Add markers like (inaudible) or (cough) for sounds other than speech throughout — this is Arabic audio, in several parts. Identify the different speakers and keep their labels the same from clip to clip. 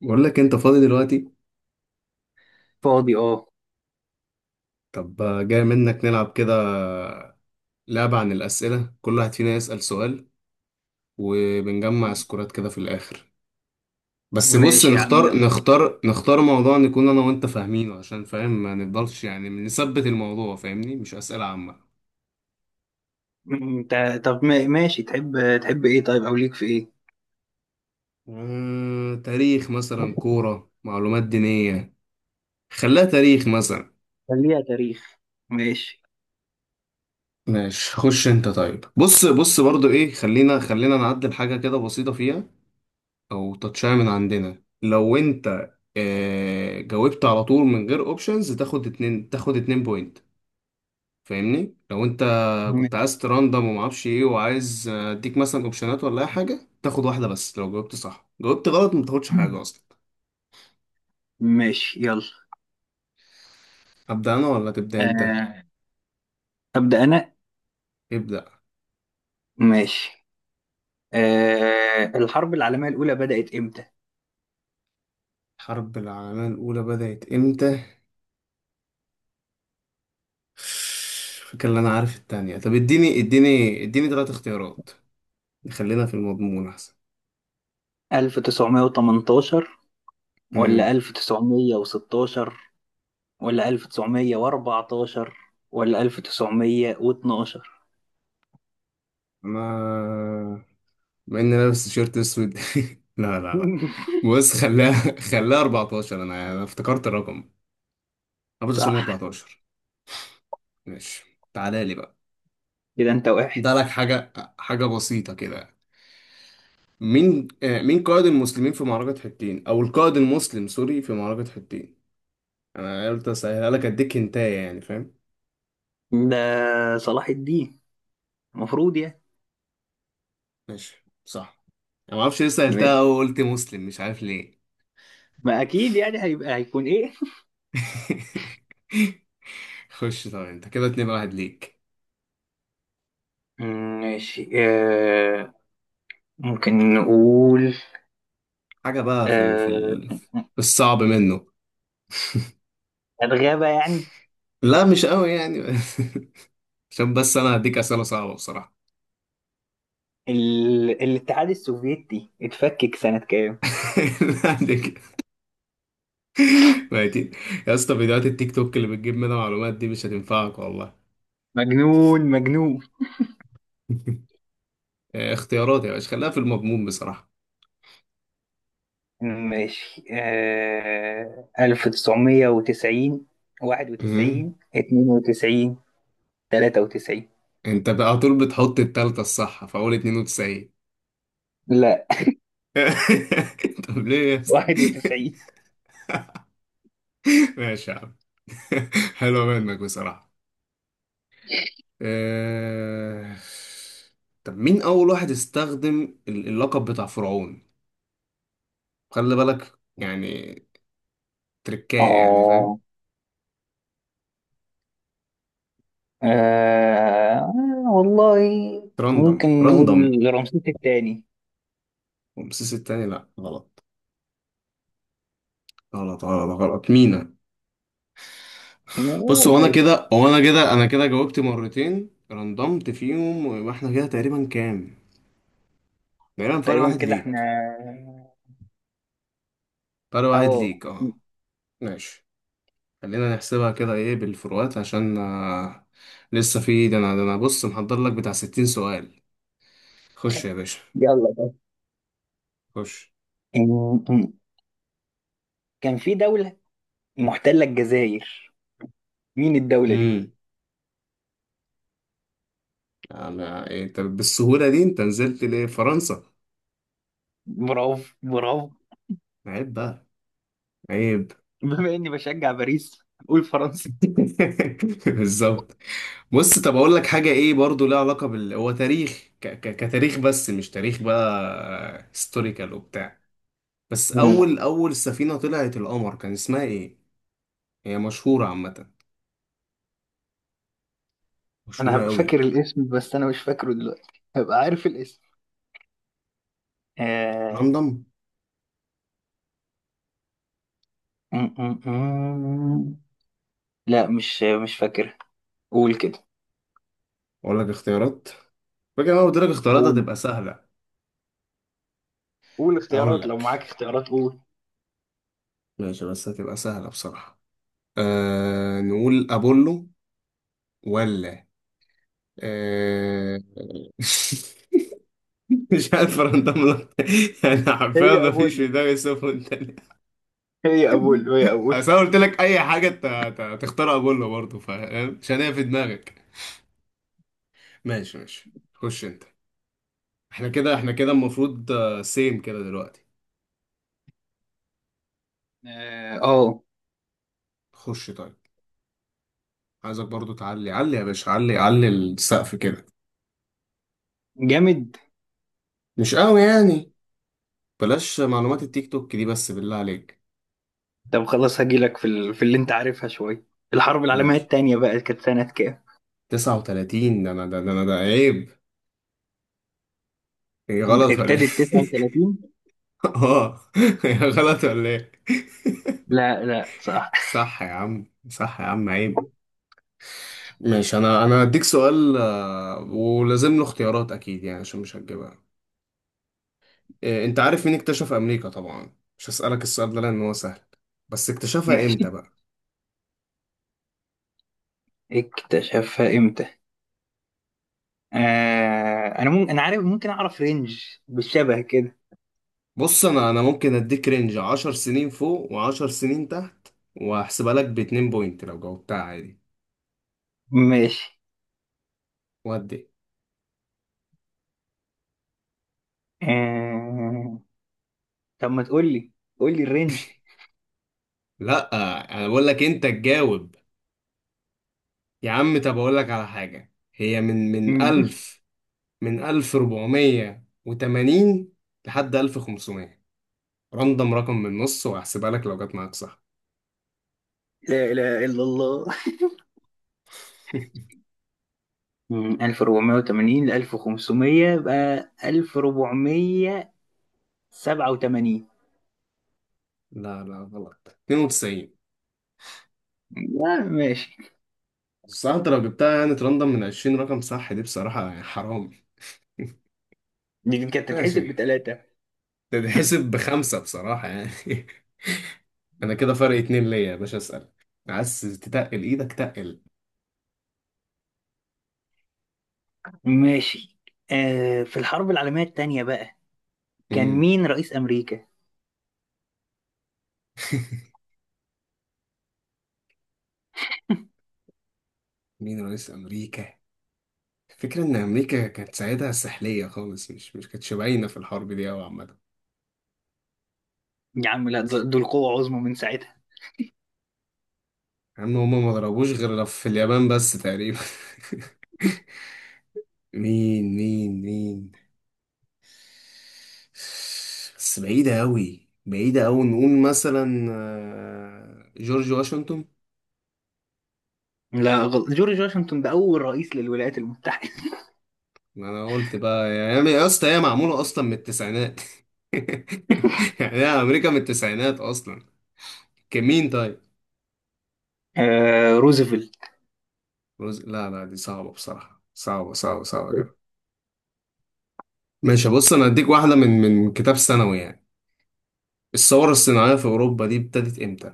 Speaker 1: بقول لك انت فاضي دلوقتي.
Speaker 2: فاضي، اه.
Speaker 1: طب جاي منك نلعب كده لعبة عن الأسئلة، كل واحد فينا يسأل سؤال وبنجمع سكورات كده في الآخر. بس بص،
Speaker 2: ماشي يا عم،
Speaker 1: نختار
Speaker 2: يلا.
Speaker 1: نختار نختار موضوع نكون أنا وأنت فاهمينه عشان فاهم، ما نفضلش يعني نثبت الموضوع، فاهمني، مش أسئلة عامة.
Speaker 2: انت، طب ماشي. تحب ايه؟ طيب، او ليك في ايه؟
Speaker 1: تاريخ مثلا، كورة، معلومات دينية. خليها تاريخ مثلا.
Speaker 2: خليها تاريخ. ماشي.
Speaker 1: ماشي، خش انت. طيب بص بص برضو ايه، خلينا نعدل حاجة كده بسيطة فيها او تاتشاية من عندنا. لو انت جاوبت على طول من غير اوبشنز تاخد اتنين، تاخد اتنين بوينت. فاهمني، لو انت كنت عايز تراندم ومعرفش ايه وعايز اديك مثلا اوبشنات ولا اي حاجه، تاخد واحده بس. لو جاوبت صح. جاوبت غلط ما تاخدش
Speaker 2: م-
Speaker 1: حاجه اصلا.
Speaker 2: ماشي، يلا.
Speaker 1: ابدا انا ولا تبدا انت؟
Speaker 2: آه. أبدأ أنا.
Speaker 1: ابدا.
Speaker 2: ماشي. الحرب العالمية الأولى بدأت إمتى؟
Speaker 1: الحرب العالميه الاولى بدات امتى؟ (sighs) فاكر. اللي انا عارف التانية. طب اديني ثلاث اختيارات. خلينا في المضمون احسن.
Speaker 2: 1918 ولا
Speaker 1: امم
Speaker 2: 1916 ولا 1914 ولا 1912؟
Speaker 1: انا، مع اني لابس تيشيرت اسود، (laughs) لا لا لا.
Speaker 2: (laughs)
Speaker 1: بص، خلاها 14. انا افتكرت الرقم. ابو تصميم
Speaker 2: صح،
Speaker 1: 14. ماشي، تعالى لي بقى.
Speaker 2: كده أنت واحد.
Speaker 1: ده لك حاجه، حاجه بسيطه كده. مين مين قائد المسلمين في معركه حطين او القائد المسلم سوري في معركه حطين. انا قلت اسهلها لك، اديك هنتايه يعني، فاهم؟
Speaker 2: ده صلاح الدين المفروض.
Speaker 1: ماشي صح. انا ما اعرفش ليه سهلتها
Speaker 2: يعني
Speaker 1: او قلت مسلم، مش عارف ليه.
Speaker 2: ما اكيد يعني هيبقى هيكون ايه.
Speaker 1: (laughs) خش. طبعا انت كده اتنين، واحد ليك.
Speaker 2: مم، ماشي، ممكن نقول
Speaker 1: حاجة بقى في ال... في
Speaker 2: آه
Speaker 1: ال... في الصعب منه. (laughs)
Speaker 2: الغابة يعني.
Speaker 1: لا، مش قوي يعني. (laughs) عشان بس انا هديك اسئله صعبه بصراحه.
Speaker 2: الاتحاد السوفيتي اتفكك سنة كام؟
Speaker 1: (laughs) لا هديك ميتين يا اسطى، فيديوهات التيك توك اللي بتجيب منها معلومات دي مش هتنفعك والله.
Speaker 2: مجنون مجنون.
Speaker 1: (laughs) اختيارات يا باشا، خليها في المضمون بصراحه.
Speaker 2: ماشي، 1990،
Speaker 1: مم.
Speaker 2: 91، 92، 93؟
Speaker 1: انت بقى على طول بتحط التالتة الصح في اول 92.
Speaker 2: لا. (laughs)
Speaker 1: (laughs) طب ليه يا اسطى؟
Speaker 2: 91.
Speaker 1: (laughs) ماشي يا عم. (laughs) حلوه منك بصراحه. آه... طب مين أول واحد استخدم اللقب بتاع فرعون؟ خلي بالك يعني، تركاية يعني، فاهم؟
Speaker 2: اه. آه، والله
Speaker 1: راندم.
Speaker 2: ممكن
Speaker 1: راندم.
Speaker 2: نقول رمسيس الثاني.
Speaker 1: رمسيس التاني؟ لأ غلط. غلط غلط غلط، مينا.
Speaker 2: لا،
Speaker 1: بص، هو أنا
Speaker 2: ماشي.
Speaker 1: كده هو أنا كده أنا كده جاوبت مرتين رندمت فيهم، ويبقى إحنا كده تقريبا كام؟ تقريبا فرق
Speaker 2: تقريبا
Speaker 1: واحد
Speaker 2: كده احنا.
Speaker 1: ليك. فرق واحد
Speaker 2: اه.
Speaker 1: ليك أه. ماشي. خلينا نحسبها كده إيه بالفروقات عشان لسه في. ده أنا بص محضر لك بتاع 60 سؤال. خش يا باشا،
Speaker 2: يلا طيب.
Speaker 1: خش.
Speaker 2: أم- أم. كان في دولة محتلة الجزائر، مين الدولة دي؟
Speaker 1: امم انا طب بالسهوله دي انت نزلت ليه فرنسا؟
Speaker 2: برافو برافو!
Speaker 1: عيب بقى، عيب.
Speaker 2: بما اني بشجع باريس، قول فرنسا.
Speaker 1: (laughs) بالظبط. بص، طب اقول لك حاجه ايه، برضو لها علاقه بال، هو تاريخ كتاريخ بس مش تاريخ بقى هيستوريكال وبتاع. بس
Speaker 2: أم.
Speaker 1: اول اول سفينه طلعت القمر كان اسمها ايه؟ هي مشهوره عامه،
Speaker 2: انا
Speaker 1: مشهوره
Speaker 2: هبقى
Speaker 1: قوي.
Speaker 2: فاكر الاسم، بس انا مش فاكره دلوقتي، هبقى عارف الاسم. آه...
Speaker 1: لندن.
Speaker 2: أم- أم- أم. لا، مش فاكرها. قول كده.
Speaker 1: اقول لك اختيارات. فاكر انا قلت لك اختيارات
Speaker 2: قول،
Speaker 1: هتبقى سهله.
Speaker 2: قول
Speaker 1: اقول
Speaker 2: اختيارات لو
Speaker 1: لك،
Speaker 2: معاك اختيارات قول.
Speaker 1: ماشي، بس هتبقى سهله بصراحه. نقول أبولو، ولا آه، (laughs) مش عارف، رندم لك. أنا حرفيا
Speaker 2: هي
Speaker 1: ما فيش في
Speaker 2: أبولو،
Speaker 1: دماغي صفر تاني.
Speaker 2: هي أبولو، هي أبولو.
Speaker 1: أصل أنا قلت لك أي حاجة، أنت تختار أبولو برضه، فاهم، عشان هي في دماغك. ماشي ماشي، خش أنت. إحنا كده المفروض سيم كده دلوقتي.
Speaker 2: اه.
Speaker 1: خش طيب. عايزك برضه تعلي علي يا باشا، علي، علي السقف كده.
Speaker 2: جامد.
Speaker 1: مش قوي يعني. بلاش معلومات التيك توك دي، بس بالله عليك.
Speaker 2: طب خلاص هجيلك في اللي انت عارفها شويه. الحرب العالميه
Speaker 1: ماشي.
Speaker 2: الثانيه بقى كانت سنه كام؟
Speaker 1: 39. ده انا عيب. هي غلط ولا ايه؟
Speaker 2: ابتدت
Speaker 1: (laughs)
Speaker 2: 39.
Speaker 1: اه. هي غلط ولا ايه؟
Speaker 2: لا لا صح.
Speaker 1: (laughs) صح يا عم، صح يا عم، عيب. ماشي، انا هديك سؤال، ولازم له اختيارات اكيد يعني عشان مش هتجيبها. انت عارف مين اكتشف امريكا، طبعا مش هسألك السؤال ده لان هو سهل، بس اكتشفها امتى
Speaker 2: ماشي،
Speaker 1: بقى؟
Speaker 2: اكتشفها امتى؟ انا ممكن، انا عارف، ممكن اعرف رينج بالشبه كده.
Speaker 1: بص انا ممكن اديك رينج 10 سنين فوق و10 سنين تحت. وهحسبها لك باتنين بوينت لو جاوبتها عادي.
Speaker 2: ماشي.
Speaker 1: ودي.
Speaker 2: آه... طب ما تقول لي، قول لي الرينج.
Speaker 1: لا، انا بقول لك انت تجاوب. يا عم، طب أقول لك على حاجة، هي من
Speaker 2: مم. (laughs)
Speaker 1: ألف. من 1480 لحد 1500. رندم رقم من النص وهحسبها لك لو جت معاك صح.
Speaker 2: لا اله الا الله. مم. 1480 ل 1500، يبقى 1487.
Speaker 1: (laughs) لا لا غلط. 92.
Speaker 2: لا ماشي،
Speaker 1: بس انت لو جبتها يعني ترندم من 20 رقم صح دي بصراحة يعني حرام.
Speaker 2: دي كانت
Speaker 1: ماشي.
Speaker 2: تتحسب بتلاتة.
Speaker 1: تتحسب بخمسة بصراحة يعني. (laughs) انا كده فرق اتنين ليا يا باشا، اسأل. عايز تتقل ايدك، تقل.
Speaker 2: ماشي، في الحرب العالمية التانية بقى كان
Speaker 1: مم.
Speaker 2: مين رئيس أمريكا؟
Speaker 1: (laughs) مين رئيس امريكا؟ الفكرة إن أمريكا كانت ساعتها سحلية خالص، مش كانتش باينة في الحرب دي أوي عامة.
Speaker 2: يا عم لا، دول قوة عظمى من ساعتها.
Speaker 1: عم هما ما ضربوش غير في اليابان بس تقريبا. (laughs) مين. بس بعيدة أوي، بعيدة أوي، نقول مثلا جورج واشنطن.
Speaker 2: لا غلط، جورج واشنطن ده أول رئيس للولايات المتحدة.
Speaker 1: ما أنا قلت بقى، يا اسطى، هي معمولة أصلا من التسعينات. (laughs) يعني هي أمريكا من التسعينات أصلا. كمين طيب.
Speaker 2: (laughs) روزفلت.
Speaker 1: لا لا، دي صعبة بصراحة، صعبة صعبة صعبة. ماشي بص، انا هديك واحده من كتاب ثانوي يعني. الثوره الصناعيه في اوروبا دي ابتدت امتى؟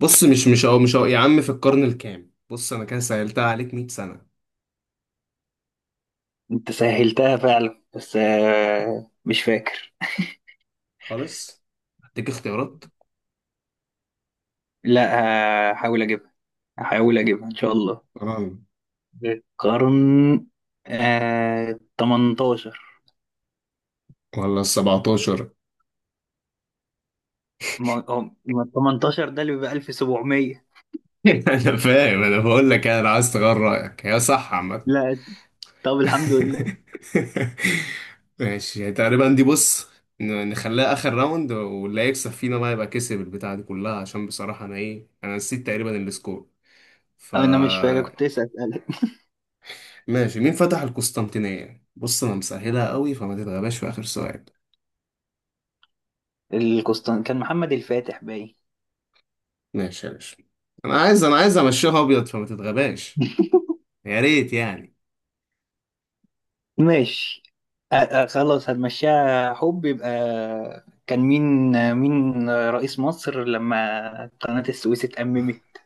Speaker 1: بص، مش أو يا عم في القرن الكام؟ بص انا كده سهلتها عليك 100 سنه.
Speaker 2: أنت سهلتها فعلا، بس مش فاكر.
Speaker 1: خالص. هديك اختيارات.
Speaker 2: لا، هحاول أجيبها، هحاول أجيبها إن شاء الله.
Speaker 1: تمام.
Speaker 2: القرن 18.
Speaker 1: ولا ال 17. (laughs)
Speaker 2: ما ما 18 ده اللي بيبقى 1700.
Speaker 1: انا فاهم، انا بقول لك يعني، انا عايز تغير رايك، هي صح عامه.
Speaker 2: لا، طب الحمد لله.
Speaker 1: (laughs) ماشي، يعني تقريبا دي بص، نخليها اخر راوند، واللي هيكسب فينا بقى يبقى كسب البتاعه دي كلها، عشان بصراحه انا نسيت تقريبا السكور. ف.
Speaker 2: انا مش فاكر، كنت لسه اسالك.
Speaker 1: ماشي، مين فتح القسطنطينية؟ بص انا مسهلها قوي، فما تتغباش في اخر سؤال.
Speaker 2: القسطن كان محمد الفاتح باين.
Speaker 1: ماشي يا باشا. انا عايز امشيها ابيض فما تتغباش.
Speaker 2: (laughs)
Speaker 1: يا ريت يعني.
Speaker 2: ماشي. خلاص هنمشيها حب يبقى. كان مين، مين رئيس مصر لما قناة السويس اتأممت؟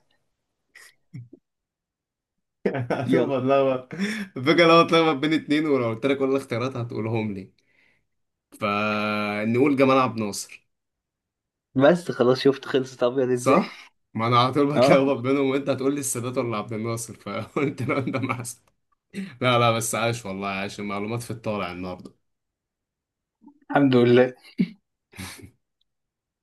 Speaker 1: (laughs)
Speaker 2: يلا.
Speaker 1: هتبقى اتلخبط. الفكرة لو اتلخبط بين اتنين، ولو قلت لك كل الاختيارات هتقولهم لي، فنقول جمال عبد الناصر.
Speaker 2: بس خلاص، شفت خلصت ابيض ازاي؟
Speaker 1: صح؟
Speaker 2: (laughs)
Speaker 1: ما انا على طول
Speaker 2: اه.
Speaker 1: بتلخبط بينهم، وانت هتقول لي السادات ولا عبد الناصر، فقلت (laughs) له انت معسل. لا لا، بس عاش والله، عاش، المعلومات في الطالع النهارده.
Speaker 2: الحمد لله.